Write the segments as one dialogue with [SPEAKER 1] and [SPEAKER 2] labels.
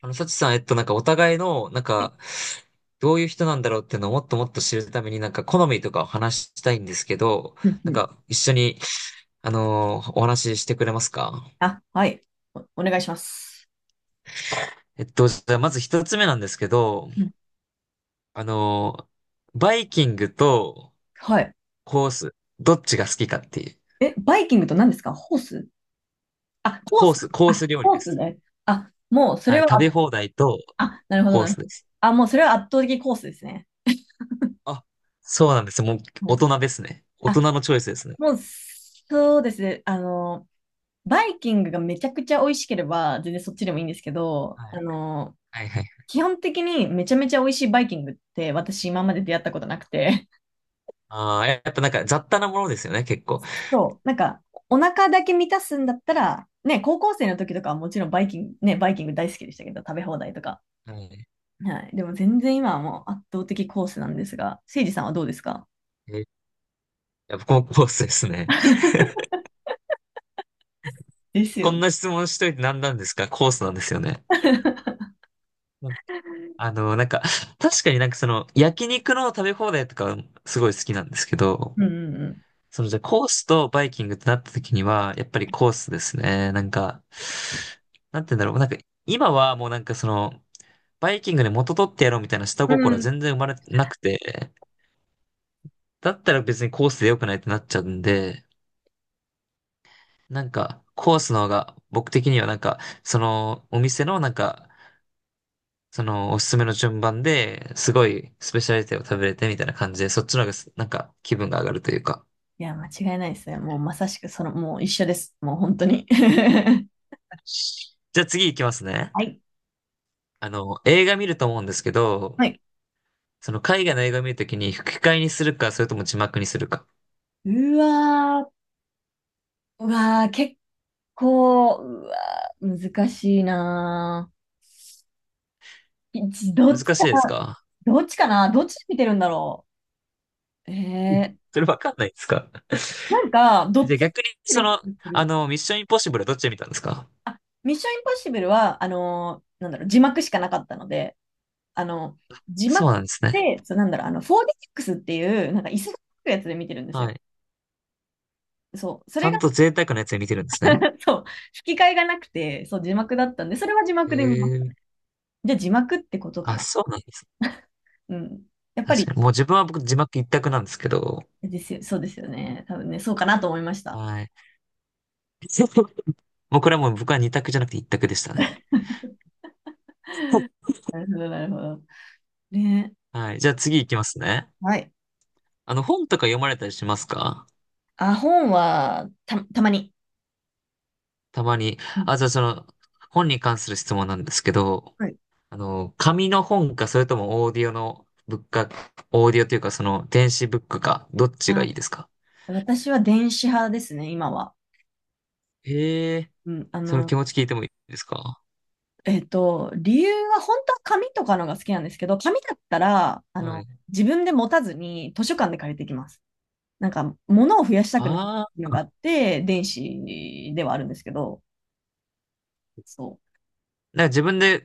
[SPEAKER 1] サチさん、なんかお互いの、なんか、どういう人なんだろうっていうのをもっともっと知るために、なんか好みとかを話したいんですけど、
[SPEAKER 2] うんう
[SPEAKER 1] なん
[SPEAKER 2] ん。
[SPEAKER 1] か一緒に、お話ししてくれますか？
[SPEAKER 2] あ、はい。お願いします。
[SPEAKER 1] じゃあまず一つ目なんですけど、
[SPEAKER 2] うん。
[SPEAKER 1] あのバイキングと
[SPEAKER 2] はい。
[SPEAKER 1] コース、どっちが好きかっていう。
[SPEAKER 2] え、バイキングと何ですか？ホース？あ、コー
[SPEAKER 1] コ
[SPEAKER 2] ス。
[SPEAKER 1] ース、コー
[SPEAKER 2] あ、
[SPEAKER 1] ス料理
[SPEAKER 2] コ
[SPEAKER 1] で
[SPEAKER 2] ース
[SPEAKER 1] す。
[SPEAKER 2] ね。あ、もうそ
[SPEAKER 1] は
[SPEAKER 2] れ
[SPEAKER 1] い、
[SPEAKER 2] は、
[SPEAKER 1] 食べ放題と
[SPEAKER 2] あ、なるほど、
[SPEAKER 1] コー
[SPEAKER 2] なる
[SPEAKER 1] ス
[SPEAKER 2] ほ
[SPEAKER 1] で
[SPEAKER 2] ど。
[SPEAKER 1] す。
[SPEAKER 2] あ、もうそれは圧倒的コースですね。
[SPEAKER 1] あ、そうなんです。もう
[SPEAKER 2] は
[SPEAKER 1] 大
[SPEAKER 2] い。
[SPEAKER 1] 人ですね。大人
[SPEAKER 2] あ、
[SPEAKER 1] のチョイスですね。
[SPEAKER 2] もうそうですね。あの、バイキングがめちゃくちゃ美味しければ、全然そっちでもいいんですけど、
[SPEAKER 1] は
[SPEAKER 2] あ
[SPEAKER 1] い。
[SPEAKER 2] の、
[SPEAKER 1] はいはいはい。
[SPEAKER 2] 基本的にめちゃめちゃ美味しいバイキングって私今まで出会ったことなくて、
[SPEAKER 1] ああ、やっぱなんか雑多なものですよね、結構。
[SPEAKER 2] そう、なんか、お腹だけ満たすんだったら、ね、高校生の時とかはもちろんバイキング、ね、バイキング大好きでしたけど、食べ放題とか。
[SPEAKER 1] はい。
[SPEAKER 2] はい。でも全然今はもう圧倒的コースなんですが、せいじさんはどうですか？
[SPEAKER 1] えやっぱこのコースですね。
[SPEAKER 2] です
[SPEAKER 1] こん
[SPEAKER 2] よ。
[SPEAKER 1] な質問しといて何なんですか？コースなんですよね。うん。なんか、確かになんかその、焼肉の食べ放題とかすごい好きなんですけど、
[SPEAKER 2] うん
[SPEAKER 1] そのじゃあコースとバイキングってなった時には、やっぱりコースですね。なんか、なんて言うんだろう。なんか、今はもうなんかその、バイキングで元取ってやろうみたいな下
[SPEAKER 2] うん
[SPEAKER 1] 心
[SPEAKER 2] う
[SPEAKER 1] は
[SPEAKER 2] ん。うん。
[SPEAKER 1] 全然生まれなくて、だったら別にコースで良くないってなっちゃうんで、なんか、コースの方が、僕的にはなんか、その、お店のなんか、その、おすすめの順番で、すごい、スペシャリティを食べれてみたいな感じで、そっちの方がなんか、気分が上がるというか。
[SPEAKER 2] いや、間違いないですね。もうまさしくその、もう一緒です。もう本当に。
[SPEAKER 1] じゃあ次行きますね。
[SPEAKER 2] はい。
[SPEAKER 1] 映画見ると思うんですけど、
[SPEAKER 2] はい。
[SPEAKER 1] その、海外の映画見るときに、吹き替えにするか、それとも字幕にするか。
[SPEAKER 2] うわー、うわー、結構、うわー、難しいなー。いど
[SPEAKER 1] 難
[SPEAKER 2] っち
[SPEAKER 1] し
[SPEAKER 2] か、
[SPEAKER 1] いですか？
[SPEAKER 2] どっちかなどっち見てるんだろう。
[SPEAKER 1] うん。それわかんないですか？
[SPEAKER 2] なんか、どっ
[SPEAKER 1] で、
[SPEAKER 2] ち
[SPEAKER 1] 逆に、
[SPEAKER 2] に
[SPEAKER 1] そ
[SPEAKER 2] 見てる
[SPEAKER 1] の、
[SPEAKER 2] 気がする。
[SPEAKER 1] ミッションインポッシブルはどっちで見たんですか？
[SPEAKER 2] あ、ミッションインポッシブルは、なんだろう、字幕しかなかったので、あの、字
[SPEAKER 1] そ
[SPEAKER 2] 幕
[SPEAKER 1] うなんですね。
[SPEAKER 2] で、そう、なんだろう、あの、4DX っていう、なんか椅子がつくやつで見てるんです
[SPEAKER 1] は
[SPEAKER 2] よ。
[SPEAKER 1] い。
[SPEAKER 2] そう、そ
[SPEAKER 1] ち
[SPEAKER 2] れ
[SPEAKER 1] ゃ
[SPEAKER 2] が、
[SPEAKER 1] んと贅沢なやつで見てるんですね。
[SPEAKER 2] そう、吹き替えがなくて、そう、字幕だったんで、それは字
[SPEAKER 1] へ
[SPEAKER 2] 幕で見ました。
[SPEAKER 1] え。
[SPEAKER 2] じゃあ字幕ってことか
[SPEAKER 1] あ、
[SPEAKER 2] な。
[SPEAKER 1] そうなんですね。
[SPEAKER 2] うん。やっぱ
[SPEAKER 1] 確か
[SPEAKER 2] り、
[SPEAKER 1] に。もう自分は僕字幕一択なんですけど。
[SPEAKER 2] ですよ、そうですよね。多分ね、そうかなと思いました。
[SPEAKER 1] はい。もうこれはもう僕は二択じゃなくて一択でしたね。
[SPEAKER 2] なるほど、なるほど。ね。
[SPEAKER 1] はい。じゃあ次行きますね。
[SPEAKER 2] はい。
[SPEAKER 1] 本とか読まれたりしますか？
[SPEAKER 2] あ、本はたまに。
[SPEAKER 1] たまに。
[SPEAKER 2] うん。
[SPEAKER 1] あ、じゃあその、本に関する質問なんですけど、
[SPEAKER 2] はい。
[SPEAKER 1] 紙の本か、それともオーディオのブックか、オーディオというかその電子ブックか、どっちがいいですか？
[SPEAKER 2] 私は電子派ですね、今は。
[SPEAKER 1] へえ、
[SPEAKER 2] うん、あ
[SPEAKER 1] その
[SPEAKER 2] の、
[SPEAKER 1] 気持ち聞いてもいいですか？
[SPEAKER 2] 理由は本当は紙とかのが好きなんですけど、紙だったら、あ
[SPEAKER 1] は
[SPEAKER 2] の、
[SPEAKER 1] い。
[SPEAKER 2] 自分で持たずに図書館で借りてきます。なんか、物を増やしたくない
[SPEAKER 1] あ
[SPEAKER 2] の
[SPEAKER 1] あ、
[SPEAKER 2] があって、電子ではあるんですけど、そ
[SPEAKER 1] なんか自分で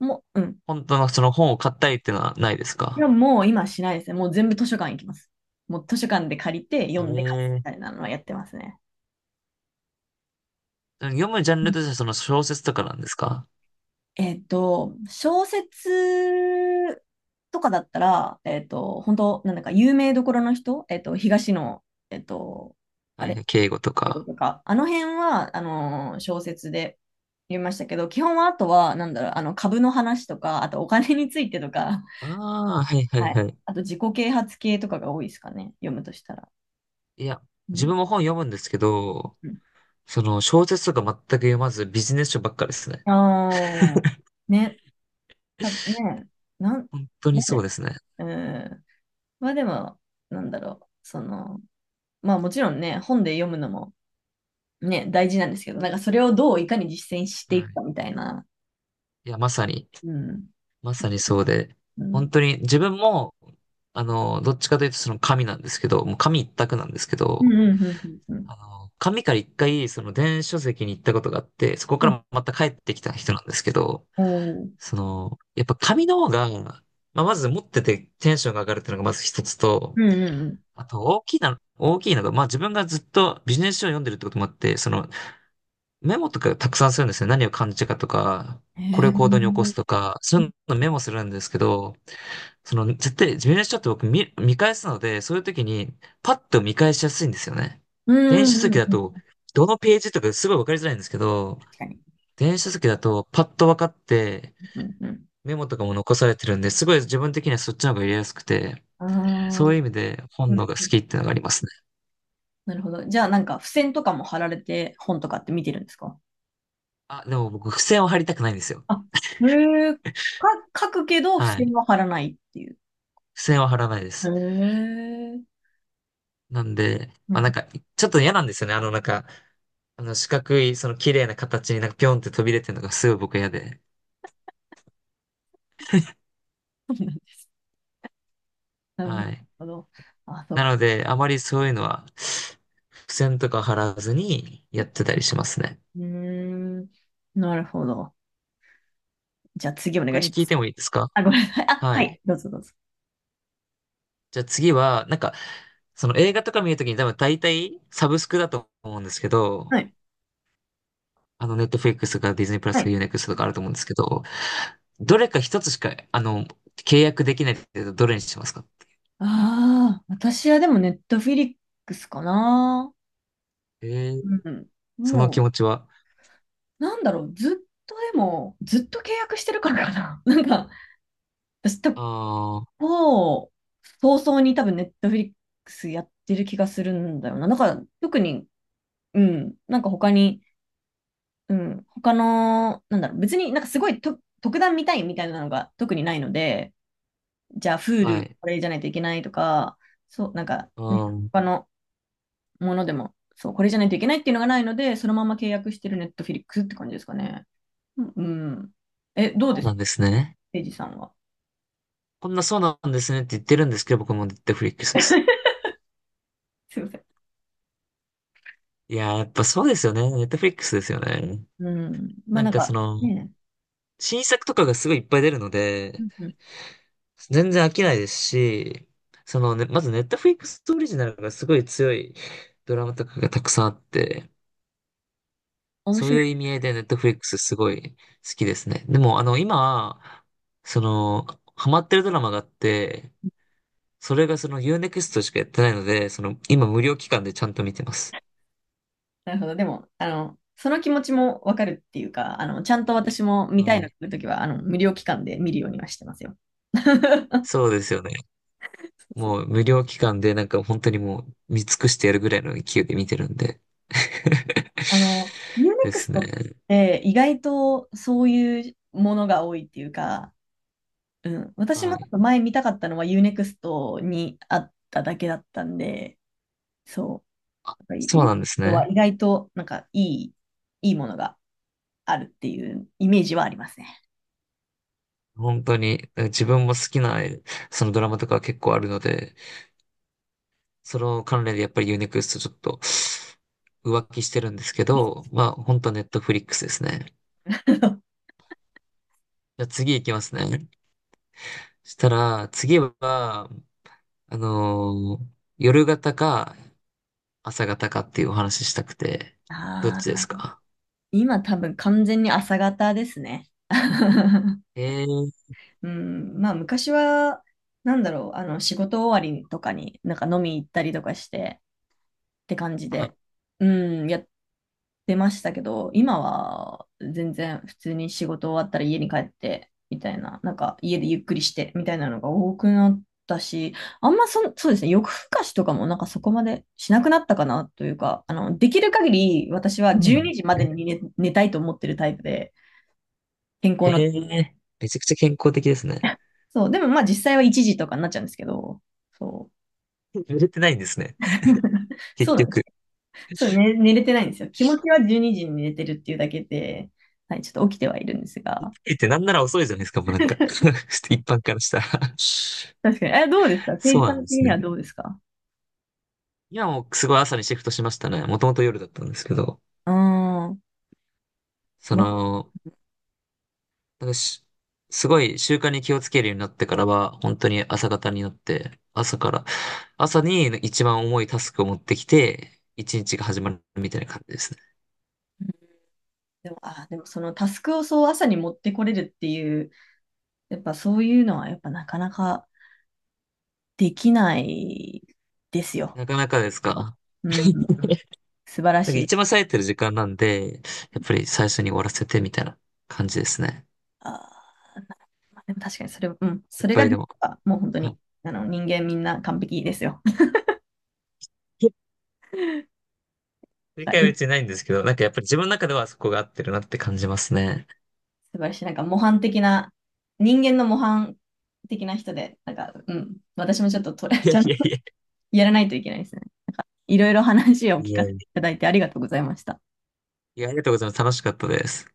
[SPEAKER 2] う。もう、うん。
[SPEAKER 1] 本当のその本を買ったりっていうのはないです
[SPEAKER 2] で
[SPEAKER 1] か？
[SPEAKER 2] ももう今はしないですね。もう全部図書館行きます。もう図書館で借りて、
[SPEAKER 1] へ
[SPEAKER 2] 読んで返す
[SPEAKER 1] え。
[SPEAKER 2] みたいなのはやってますね。
[SPEAKER 1] 読むジャンルとしてはその小説とかなんですか？
[SPEAKER 2] えっと、小説とかだったら、本当なんだか有名どころの人、東野、えっと、あ
[SPEAKER 1] はいは
[SPEAKER 2] れ、
[SPEAKER 1] い、敬語と
[SPEAKER 2] 英語
[SPEAKER 1] か。
[SPEAKER 2] とか、あの辺は、あの小説で読みましたけど、基本はあとは、なんだろう、あの、株の話とか、あとお金についてとか、
[SPEAKER 1] ああ、はい はい
[SPEAKER 2] はい。
[SPEAKER 1] はい。
[SPEAKER 2] あと自己啓発系とかが多いですかね、読むとしたら。
[SPEAKER 1] いや、
[SPEAKER 2] う
[SPEAKER 1] 自
[SPEAKER 2] ん。
[SPEAKER 1] 分も本読むんですけど、
[SPEAKER 2] うん。
[SPEAKER 1] その小説とか全く読まずビジネス書ばっかですね。
[SPEAKER 2] ああ、ね、たね、なん、
[SPEAKER 1] 本当
[SPEAKER 2] な
[SPEAKER 1] に
[SPEAKER 2] ん
[SPEAKER 1] そう
[SPEAKER 2] で、
[SPEAKER 1] ですね。
[SPEAKER 2] うん。まあでも、なんだろう、その、まあもちろんね、本で読むのもね、大事なんですけど、なんかそれをどういかに実践してい
[SPEAKER 1] は
[SPEAKER 2] く
[SPEAKER 1] い。
[SPEAKER 2] かみたいな。
[SPEAKER 1] いや、まさに、
[SPEAKER 2] うん。
[SPEAKER 1] まさにそうで、
[SPEAKER 2] う
[SPEAKER 1] 本
[SPEAKER 2] ん。
[SPEAKER 1] 当に自分も、どっちかというとその紙なんですけど、もう紙一択なんですけ
[SPEAKER 2] うん
[SPEAKER 1] ど、
[SPEAKER 2] うんうん。うん
[SPEAKER 1] 紙から一回その電子書籍に行ったことがあって、そこ
[SPEAKER 2] う
[SPEAKER 1] か
[SPEAKER 2] ん。う
[SPEAKER 1] らまた帰ってきた人なんですけど、
[SPEAKER 2] おー。
[SPEAKER 1] その、やっぱ紙の方が、まあ、まず持っててテンションが上がるっていうのがまず一つ
[SPEAKER 2] う
[SPEAKER 1] と、
[SPEAKER 2] んうん
[SPEAKER 1] あと大きいのが、まあ自分がずっとビジネス書を読んでるってこともあって、そのメモとかたくさんするんですね。何を感じたかとか、
[SPEAKER 2] うん。
[SPEAKER 1] これを行動に起こ
[SPEAKER 2] へ
[SPEAKER 1] すと
[SPEAKER 2] え。
[SPEAKER 1] か、そういうのメモするんですけど、その絶対ビジネス書って僕見返すので、そういう時にパッと見返しやすいんですよね。
[SPEAKER 2] う
[SPEAKER 1] 電
[SPEAKER 2] んう
[SPEAKER 1] 子書
[SPEAKER 2] んう
[SPEAKER 1] 籍
[SPEAKER 2] ん
[SPEAKER 1] だ
[SPEAKER 2] うん。
[SPEAKER 1] と、どのページとかすごいわかりづらいんですけど、
[SPEAKER 2] 確かに。
[SPEAKER 1] 電子書籍だとパッとわかって、
[SPEAKER 2] うんうん。
[SPEAKER 1] メモとかも残されてるんで、すごい自分的にはそっちの方が入れやすくて、
[SPEAKER 2] あ
[SPEAKER 1] そうい
[SPEAKER 2] あ。
[SPEAKER 1] う意味で本
[SPEAKER 2] う
[SPEAKER 1] の
[SPEAKER 2] ん
[SPEAKER 1] 方が好
[SPEAKER 2] うん。
[SPEAKER 1] きっていうのがありますね。
[SPEAKER 2] なるほど。じゃあなんか付箋とかも貼られて本とかって見てるんですか？
[SPEAKER 1] あ、でも僕、付箋を貼りたくないんですよ。
[SPEAKER 2] あ、へえ。か、書くけど付
[SPEAKER 1] はい。
[SPEAKER 2] 箋
[SPEAKER 1] 付
[SPEAKER 2] は貼らないっていう。
[SPEAKER 1] 箋は貼らないで
[SPEAKER 2] へ
[SPEAKER 1] す。
[SPEAKER 2] え。
[SPEAKER 1] なんで、
[SPEAKER 2] う
[SPEAKER 1] まあなん
[SPEAKER 2] ん。
[SPEAKER 1] か、ちょっと嫌なんですよね。あの四角い、その綺麗な形になんかピョンって飛び出てるのがすごい僕は嫌で。
[SPEAKER 2] なる
[SPEAKER 1] はい。
[SPEAKER 2] ほど。あ、
[SPEAKER 1] な
[SPEAKER 2] そ
[SPEAKER 1] ので、あまりそういうのは、付箋とか貼らずにやっ
[SPEAKER 2] う。
[SPEAKER 1] てたりしますね。
[SPEAKER 2] うーん。なるほど。じゃあ次お願
[SPEAKER 1] 他
[SPEAKER 2] い
[SPEAKER 1] に
[SPEAKER 2] しま
[SPEAKER 1] 聞いて
[SPEAKER 2] す。
[SPEAKER 1] もいいですか？
[SPEAKER 2] あ、ごめんなさい。あ、
[SPEAKER 1] は
[SPEAKER 2] は
[SPEAKER 1] い。
[SPEAKER 2] い。どうぞどうぞ。
[SPEAKER 1] じゃあ次は、なんか、その映画とか見るときに多分大体サブスクだと思うんですけ
[SPEAKER 2] は
[SPEAKER 1] ど、
[SPEAKER 2] い。
[SPEAKER 1] ネットフリックスとかディズニープラス
[SPEAKER 2] は
[SPEAKER 1] とか
[SPEAKER 2] い。
[SPEAKER 1] ユーネクストとかあると思うんですけど、どれか一つしか、契約できないって言うとどれにしますか？
[SPEAKER 2] ああ、私はでもネットフィリックスかな。
[SPEAKER 1] えー、
[SPEAKER 2] うん。
[SPEAKER 1] その気
[SPEAKER 2] も
[SPEAKER 1] 持ちは。
[SPEAKER 2] う、なんだろう。ずっとでも、ずっと契約してるからかな。なんか、私と、
[SPEAKER 1] ああ、
[SPEAKER 2] もう、早々に多分ネットフィリックスやってる気がするんだよな。なんか、特に、うん。なんか他に、うん。他の、なんだろう。別になんかすごいと特段見たいみたいなのが特にないので、じゃあ、
[SPEAKER 1] は
[SPEAKER 2] Hulu
[SPEAKER 1] い。
[SPEAKER 2] これじゃないといけないとか、そう、なんか、
[SPEAKER 1] う
[SPEAKER 2] ね、
[SPEAKER 1] ん。
[SPEAKER 2] 他のものでも、そう、これじゃないといけないっていうのがないので、そのまま契約してる Netflix って感じですかね。うん。うん。え、どう
[SPEAKER 1] そう
[SPEAKER 2] です
[SPEAKER 1] なん
[SPEAKER 2] か
[SPEAKER 1] ですね。
[SPEAKER 2] エイジさんは。
[SPEAKER 1] こんなそうなんですねって言ってるんですけど、僕もネットフリックスです。
[SPEAKER 2] すいません。
[SPEAKER 1] いやー、やっぱそうですよね。ネットフリックスですよね。
[SPEAKER 2] うん。まあ
[SPEAKER 1] な
[SPEAKER 2] な
[SPEAKER 1] ん
[SPEAKER 2] ん
[SPEAKER 1] かそ
[SPEAKER 2] か、
[SPEAKER 1] の、
[SPEAKER 2] ねえ、
[SPEAKER 1] 新作とかがすごいいっぱい出るの
[SPEAKER 2] う
[SPEAKER 1] で、
[SPEAKER 2] んうん、
[SPEAKER 1] 全然飽きないですし、そのね、まずネットフリックスオリジナルがすごい強いドラマとかがたくさんあって、
[SPEAKER 2] 面
[SPEAKER 1] そう
[SPEAKER 2] 白い
[SPEAKER 1] いう
[SPEAKER 2] で
[SPEAKER 1] 意
[SPEAKER 2] す。
[SPEAKER 1] 味合いでネットフリックスすごい好きですね。でも今、そのハマってるドラマがあって、それがそのユーネクストしかやってないので、その今無料期間でちゃんと見てます。
[SPEAKER 2] なるほど。でも、あの、その気持ちもわかるっていうか、あの、ちゃんと私も見た
[SPEAKER 1] は
[SPEAKER 2] いの来
[SPEAKER 1] い。
[SPEAKER 2] るときは、あの、無料期間で見るようにはしてますよ。そう。
[SPEAKER 1] そうですよね。
[SPEAKER 2] そう。
[SPEAKER 1] もう無料期間でなんか本当にもう見尽くしてやるぐらいの勢いで見てるんで。
[SPEAKER 2] あの、ユー ネ
[SPEAKER 1] で
[SPEAKER 2] クス
[SPEAKER 1] すね。
[SPEAKER 2] トって意外とそういうものが多いっていうか、うん、私
[SPEAKER 1] は
[SPEAKER 2] もちょっ
[SPEAKER 1] い。
[SPEAKER 2] と前見たかったのはユーネクストにあっただけだったんで、そう。なんか
[SPEAKER 1] そ
[SPEAKER 2] ユ
[SPEAKER 1] う
[SPEAKER 2] ーネク
[SPEAKER 1] な
[SPEAKER 2] ス
[SPEAKER 1] んです
[SPEAKER 2] トは
[SPEAKER 1] ね。
[SPEAKER 2] 意外となんかいい、いいものがあるっていうイメージはありますね。
[SPEAKER 1] 本当に、自分も好きな、そのドラマとか結構あるので、その関連でやっぱりユーネクストちょっと浮気してるんですけど、まあ本当ネットフリックスですね。じゃあ次行きますね。そしたら、次は、夜型か朝型かっていうお話ししたくて、どっ
[SPEAKER 2] あ
[SPEAKER 1] ちです
[SPEAKER 2] あ、
[SPEAKER 1] か？
[SPEAKER 2] 今多分完全に朝方ですね。
[SPEAKER 1] へえ、
[SPEAKER 2] うん、まあ昔は、なんだろう、あの仕事終わりとかになんか飲み行ったりとかして、て感じ
[SPEAKER 1] あ、
[SPEAKER 2] で、うん、やってましたけど、今は全然普通に仕事終わったら家に帰ってみたいな、なんか家でゆっくりしてみたいなのが多くなったし、あんまそん、そうですね、夜更かしとかもなんかそこまでしなくなったかなというか、あの、できる限り私は
[SPEAKER 1] そうな
[SPEAKER 2] 12
[SPEAKER 1] んで
[SPEAKER 2] 時
[SPEAKER 1] す
[SPEAKER 2] まで
[SPEAKER 1] ね。
[SPEAKER 2] に寝たいと思ってるタイプで、健康
[SPEAKER 1] へ
[SPEAKER 2] の。
[SPEAKER 1] え、めちゃくちゃ健康的ですね。
[SPEAKER 2] そう、でもまあ実際は1時とかになっちゃうんですけど、そう。
[SPEAKER 1] 売れてないんですね。結
[SPEAKER 2] そうなんです。
[SPEAKER 1] 局。
[SPEAKER 2] そう、ね、寝れてないんですよ。気持ちは12時にじに寝れてるっていうだけで、はい、ちょっと起きてはいるんですが。
[SPEAKER 1] えってなんなら遅いじゃないですか、もうなんか 一般からしたら
[SPEAKER 2] 確かに。え、どうですか政
[SPEAKER 1] そう
[SPEAKER 2] 治家
[SPEAKER 1] なん
[SPEAKER 2] の
[SPEAKER 1] で
[SPEAKER 2] 的
[SPEAKER 1] す
[SPEAKER 2] に
[SPEAKER 1] ね。
[SPEAKER 2] はどうですか？
[SPEAKER 1] 今もうすごい朝にシフトしましたね。もともと夜だったんですけど。
[SPEAKER 2] うーん。
[SPEAKER 1] そ
[SPEAKER 2] ま
[SPEAKER 1] の、なんかしすごい習慣に気をつけるようになってからは、本当に朝方になって、朝から、朝に一番重いタスクを持ってきて、一日が始まるみたいな感じですね。
[SPEAKER 2] でも、あ、でもそのタスクをそう朝に持ってこれるっていう、やっぱそういうのはやっぱなかなかできないですよ。
[SPEAKER 1] なかなかですか。
[SPEAKER 2] うん、素晴ら
[SPEAKER 1] なん
[SPEAKER 2] し
[SPEAKER 1] か
[SPEAKER 2] い。
[SPEAKER 1] 一番冴えてる時間なんで、やっぱり最初に終わらせてみたいな感じですね。
[SPEAKER 2] あー、まあでも確かにそれ、うん、そ
[SPEAKER 1] やっ
[SPEAKER 2] れ
[SPEAKER 1] ぱ
[SPEAKER 2] が
[SPEAKER 1] り
[SPEAKER 2] で
[SPEAKER 1] で
[SPEAKER 2] きれ
[SPEAKER 1] も、
[SPEAKER 2] ばもう本当
[SPEAKER 1] はい。
[SPEAKER 2] にあの人間みんな完璧ですよ。
[SPEAKER 1] 正
[SPEAKER 2] は
[SPEAKER 1] 解は
[SPEAKER 2] い。
[SPEAKER 1] 別にないんですけど、なんかやっぱり自分の中ではそこが合ってるなって感じますね。
[SPEAKER 2] 素晴らしい。なんか模範的な、人間の模範的な人で、なんか、うん、私もちょっとトレ
[SPEAKER 1] い
[SPEAKER 2] ち
[SPEAKER 1] やい
[SPEAKER 2] ゃんと
[SPEAKER 1] やいや。
[SPEAKER 2] やらないといけないですね。いろいろ話を
[SPEAKER 1] い
[SPEAKER 2] 聞
[SPEAKER 1] やい
[SPEAKER 2] かせて
[SPEAKER 1] や、
[SPEAKER 2] いただいてありがとうございました。
[SPEAKER 1] いやありがとうございます。楽しかったです。